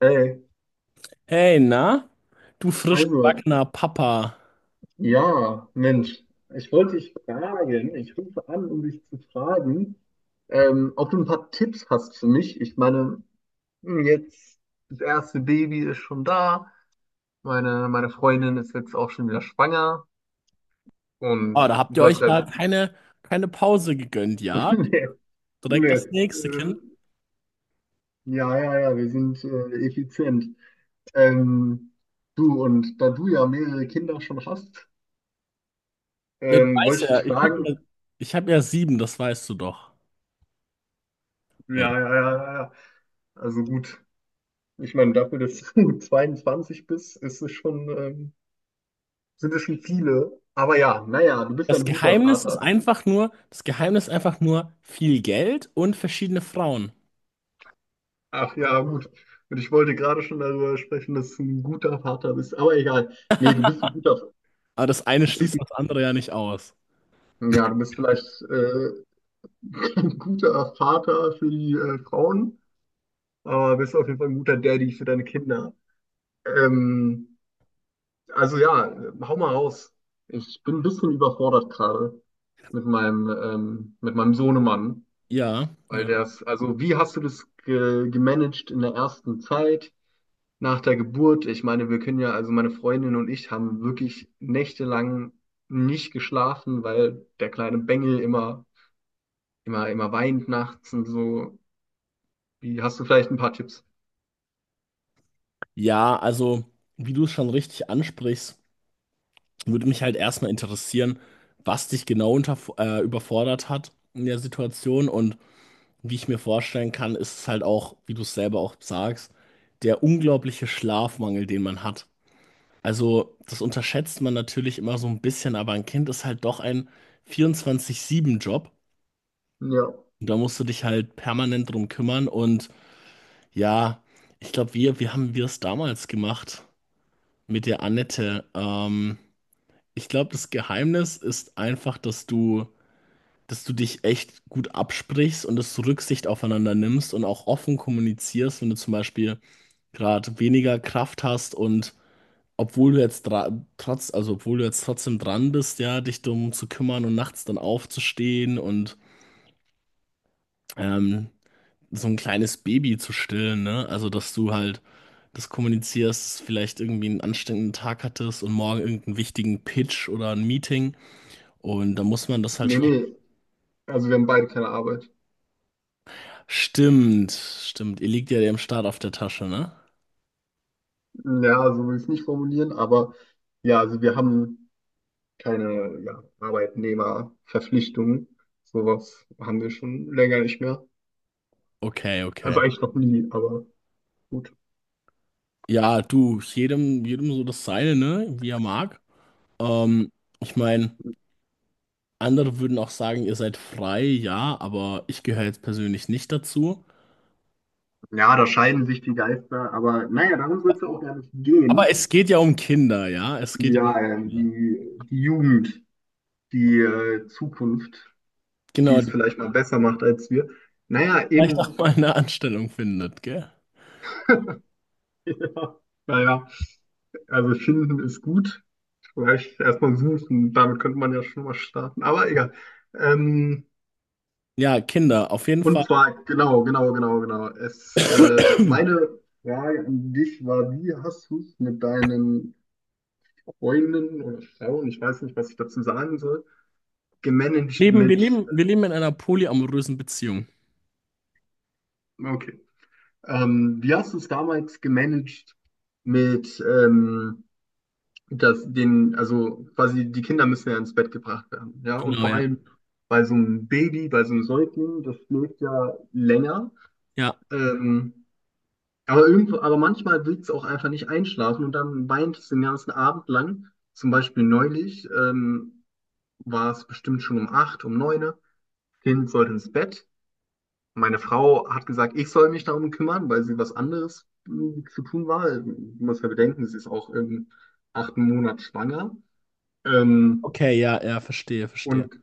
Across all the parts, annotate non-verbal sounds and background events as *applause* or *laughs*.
Hey, Hey, na? Du frisch also, gebackener Papa. ja, Mensch, ich rufe an, um dich zu fragen, ob du ein paar Tipps hast für mich. Ich meine, jetzt das erste Baby ist schon da, meine Freundin ist jetzt auch schon wieder schwanger Oh, da und habt ihr du euch hast ja keine Pause gegönnt, ja? *laughs* nee, Direkt nee, das äh, nächste Kind. ja, ja, ja, wir sind effizient. Ähm, Du, und da du ja mehrere Kinder schon hast, Ja, du weißt wollte ich ja, dich fragen. Ich hab ja sieben, das weißt du doch. Ja, Mensch. ja, ja, ja, ja. Also gut, ich meine, dafür, dass du *laughs* 22 bist, ist es schon, sind es schon viele. Aber ja, naja, du bist ein guter Vater. Das Geheimnis ist einfach nur viel Geld und verschiedene Frauen. Ach ja, gut. Und ich wollte gerade schon darüber sprechen, dass du ein guter Vater bist. Aber egal. Nee, du bist ein guter, Aber das eine du bist schließt das andere ja nicht aus. ein, ja, du bist vielleicht *laughs* ein guter Vater für die Frauen, aber bist auf jeden Fall ein guter Daddy für deine Kinder. Ähm, Also ja, hau mal raus. Ich bin ein bisschen überfordert gerade mit mit meinem Sohnemann, Ja, weil ja. der ist, also wie hast du das ge gemanagt in der ersten Zeit nach der Geburt? Ich meine, wir können ja, also meine Freundin und ich haben wirklich nächtelang nicht geschlafen, weil der kleine Bengel immer weint nachts und so. Wie, hast du vielleicht ein paar Tipps? Ja, also, wie du es schon richtig ansprichst. Würde mich halt erstmal interessieren, was dich genau überfordert hat in der Situation und wie ich mir vorstellen kann, ist es halt auch, wie du es selber auch sagst, der unglaubliche Schlafmangel, den man hat. Also, das unterschätzt man natürlich immer so ein bisschen, aber ein Kind ist halt doch ein 24/7 Job, Ja, und da musst du dich halt permanent drum kümmern. Und ja, ich glaube, wie haben wir es damals gemacht mit der Annette? Ich glaube, das Geheimnis ist einfach, dass du dich echt gut absprichst und dass du Rücksicht aufeinander nimmst und auch offen kommunizierst, wenn du zum Beispiel gerade weniger Kraft hast, und obwohl du jetzt also obwohl du jetzt trotzdem dran bist, ja, dich darum zu kümmern und nachts dann aufzustehen und ähm, so ein kleines Baby zu stillen, ne? Also dass du halt das kommunizierst, dass du vielleicht irgendwie einen anstrengenden Tag hattest und morgen irgendeinen wichtigen Pitch oder ein Meeting, und da muss man das nee, halt. nee. Also wir haben beide keine Arbeit. Stimmt, stimmt. Ihr liegt ja dem Staat auf der Tasche, ne? Ja, so will ich es nicht formulieren, aber ja, also wir haben keine, ja, Arbeitnehmerverpflichtungen. Sowas haben wir schon länger nicht mehr. Okay, Also okay. eigentlich noch nie, aber gut. Ja, du, jedem so das Seine, ne? Wie er mag. Ähm, ich meine, andere würden auch sagen, ihr seid frei, ja, aber ich gehöre jetzt persönlich nicht dazu. Ja, da scheiden sich die Geister, aber naja, darum soll es ja auch gar nicht Aber gehen. es geht ja um Kinder, ja? Es geht ja um Ja, Kinder. die Jugend, die Zukunft, die Genau, es die vielleicht mal besser macht als wir. Naja, vielleicht auch eben, mal eine Anstellung findet, gell? *laughs* ja, naja, also finden ist gut. Vielleicht erstmal suchen, damit könnte man ja schon mal starten, aber egal. Ähm, Ja, Kinder, auf jeden Fall. Und zwar, genau. Es, *coughs* meine Frage an dich war, wie hast du es mit deinen Freundinnen oder Frauen, ich weiß nicht, was ich dazu sagen soll, gemanagt mit. Wir leben in einer polyamorösen Beziehung. Okay, wie hast du es damals gemanagt mit, dass den, also quasi die Kinder müssen ja ins Bett gebracht werden, ja, und Genau, vor ja. allem bei so einem Baby, bei so einem Säugling, das schläft ja länger. Ja. Ähm, Aber, irgendwo, aber manchmal willst du auch einfach nicht einschlafen und dann weinst du den ganzen Abend lang. Zum Beispiel neulich war es bestimmt schon um 8, um 9. Kind sollte ins Bett. Meine Frau hat gesagt, ich soll mich darum kümmern, weil sie was anderes zu tun war. Du musst ja bedenken, sie ist auch im 8. Monat schwanger. Ähm, Okay, ja, ja, verstehe, verstehe. und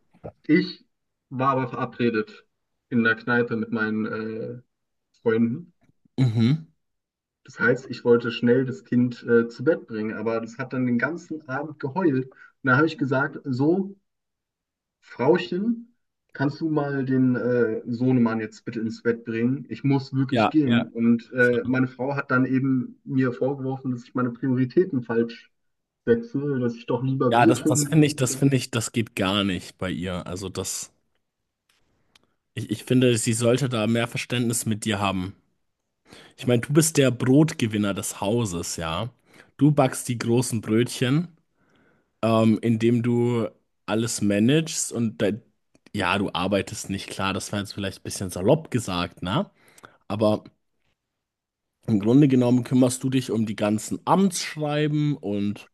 ich war aber verabredet in der Kneipe mit meinen Freunden. Mhm. Das heißt, ich wollte schnell das Kind zu Bett bringen, aber das hat dann den ganzen Abend geheult. Und da habe ich gesagt, so, Frauchen, kannst du mal den Sohnemann jetzt bitte ins Bett bringen? Ich muss wirklich Ja, gehen. ja. Und meine Frau hat dann eben mir vorgeworfen, dass ich meine Prioritäten falsch setze, dass ich doch lieber Ja, Bier das trinken finde will. Ich, das geht gar nicht bei ihr. Also das, ich finde, sie sollte da mehr Verständnis mit dir haben. Ich meine, du bist der Brotgewinner des Hauses, ja. Du backst die großen Brötchen, indem du alles managst und ja, du arbeitest nicht. Klar, das war jetzt vielleicht ein bisschen salopp gesagt, ne? Aber im Grunde genommen kümmerst du dich um die ganzen Amtsschreiben und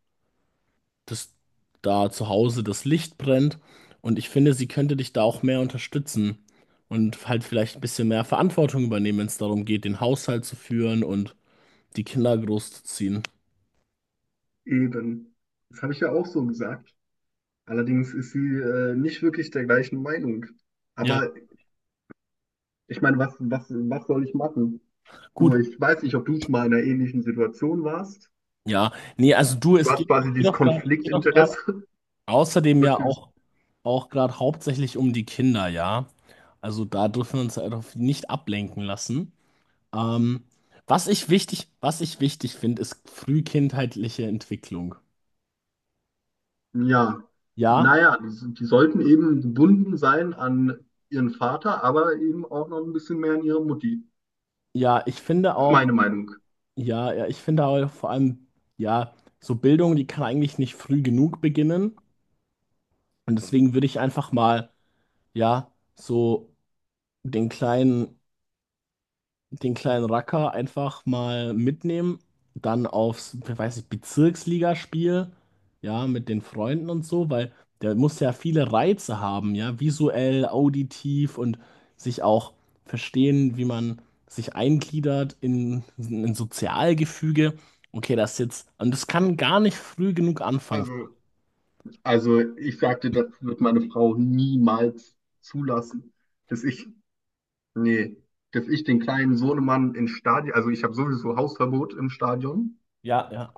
dass da zu Hause das Licht brennt. Und ich finde, sie könnte dich da auch mehr unterstützen und halt vielleicht ein bisschen mehr Verantwortung übernehmen, wenn es darum geht, den Haushalt zu führen und die Kinder großzuziehen. Eben. Das habe ich ja auch so gesagt. Allerdings ist sie nicht wirklich der gleichen Meinung. Ja, Aber ich meine, was soll ich machen? So, gut. ich weiß nicht, ob du schon mal in einer ähnlichen Situation warst. Ja, nee, also du, Du hast es quasi dieses geht auch gerade Konfliktinteresse. *laughs* außerdem Das ja ist, auch, auch gerade hauptsächlich um die Kinder, ja. Also da dürfen wir uns halt auch nicht ablenken lassen. Ähm, was ich wichtig finde, ist frühkindheitliche Entwicklung. ja, Ja, naja, die sollten eben gebunden sein an ihren Vater, aber eben auch noch ein bisschen mehr an ihre Mutti. Ja, ich finde Das ist auch, meine Meinung. ja, ja, ich finde auch vor allem, ja, so Bildung, die kann eigentlich nicht früh genug beginnen. Und deswegen würde ich einfach mal, ja, so den kleinen den kleinen Racker einfach mal mitnehmen, dann aufs, weiß ich, Bezirksligaspiel, ja, mit den Freunden und so, weil der muss ja viele Reize haben, ja, visuell, auditiv und sich auch verstehen, wie man sich eingliedert in ein Sozialgefüge. Okay, das jetzt, und das kann gar nicht früh genug anfangen. Also, also ich sagte, das wird meine Frau niemals zulassen, dass ich, nee, dass ich den kleinen Sohnemann ins Stadion, also ich habe sowieso Hausverbot im Stadion. Ja, ja.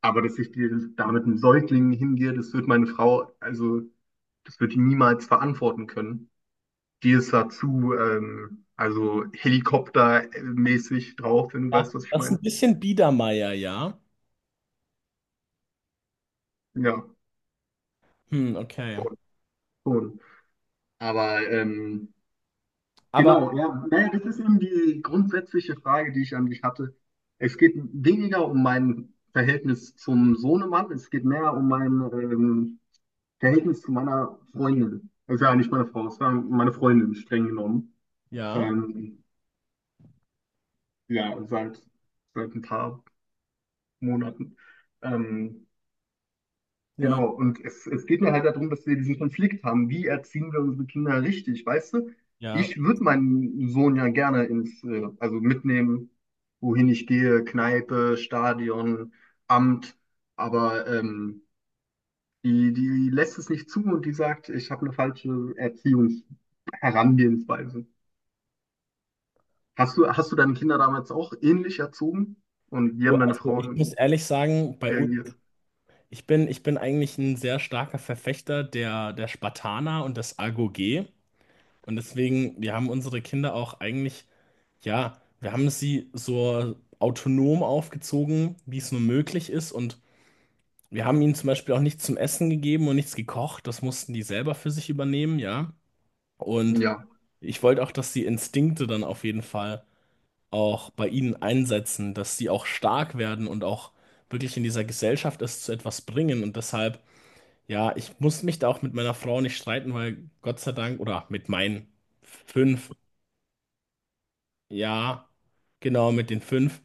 Aber dass ich dir da mit einem Säugling hingehe, das wird meine Frau, also das wird die niemals verantworten können. Die ist da zu, also helikoptermäßig drauf, wenn du Ja, weißt, was ich das ist ein meine. bisschen Biedermeier, ja. Ja, Hm, okay. schon. schon. Aber Aber genau, ja, naja, das ist eben die grundsätzliche Frage, die ich an dich hatte. Es geht weniger um mein Verhältnis zum Sohnemann, es geht mehr um mein Verhältnis zu meiner Freundin. Das ist ja eigentlich meine Frau, das war meine Freundin streng genommen. ja, Ähm, ja, seit ein paar Monaten. Ähm, ja, genau, und es geht mir halt darum, dass wir diesen Konflikt haben. Wie erziehen wir unsere Kinder richtig, weißt du? ja. Ich würde meinen Sohn ja gerne ins, also mitnehmen, wohin ich gehe, Kneipe, Stadion, Amt, aber die lässt es nicht zu und die sagt, ich habe eine falsche Erziehungsherangehensweise. Hast du deine Kinder damals auch ähnlich erzogen? Und wie Oh, haben deine also ich muss Frauen ehrlich sagen, bei uns, reagiert? Ich bin eigentlich ein sehr starker Verfechter der Spartaner und des AGOG. Und deswegen, wir haben unsere Kinder auch eigentlich, ja, wir haben sie so autonom aufgezogen, wie es nur möglich ist. Und wir haben ihnen zum Beispiel auch nichts zum Essen gegeben und nichts gekocht. Das mussten die selber für sich übernehmen, ja. Und Ja, ich wollte auch, dass die Instinkte dann auf jeden Fall auch bei ihnen einsetzen, dass die auch stark werden und auch wirklich in dieser Gesellschaft es zu etwas bringen. Und deshalb, ja, ich muss mich da auch mit meiner Frau nicht streiten, weil Gott sei Dank, oder mit meinen 5, ja, genau, mit den 5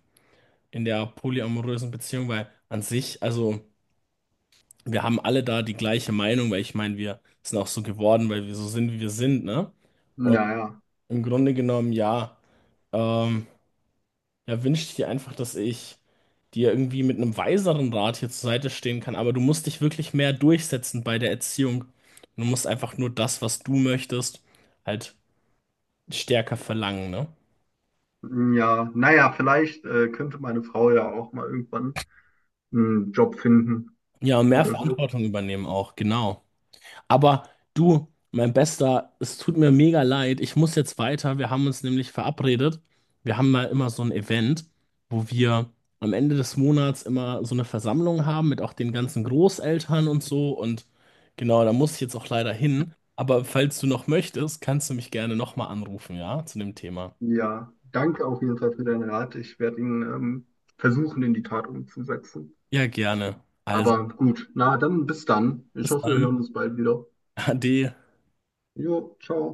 in der polyamorösen Beziehung, weil an sich, also wir haben alle da die gleiche Meinung, weil ich meine, wir sind auch so geworden, weil wir so sind, wie wir sind, ne? Und naja, im Grunde genommen, ja, ähm, ja, wünschte ich dir einfach, dass ich die ja irgendwie mit einem weiseren Rat hier zur Seite stehen kann, aber du musst dich wirklich mehr durchsetzen bei der Erziehung. Du musst einfach nur das, was du möchtest, halt stärker verlangen, ne? ja, naja, vielleicht könnte meine Frau ja auch mal irgendwann einen Job finden Ja, und mehr oder so. Verantwortung übernehmen auch, genau. Aber du, mein Bester, es tut mir mega leid. Ich muss jetzt weiter. Wir haben uns nämlich verabredet. Wir haben mal immer so ein Event, wo wir am Ende des Monats immer so eine Versammlung haben mit auch den ganzen Großeltern und so. Und genau, da muss ich jetzt auch leider hin. Aber falls du noch möchtest, kannst du mich gerne nochmal anrufen, ja, zu dem Thema. Ja, danke auf jeden Fall für deinen Rat. Ich werde ihn versuchen, in die Tat umzusetzen. Ja, gerne. Also, Aber gut, na dann bis dann. Ich bis hoffe, wir dann. hören uns bald wieder. *laughs* Ade. Jo, ciao.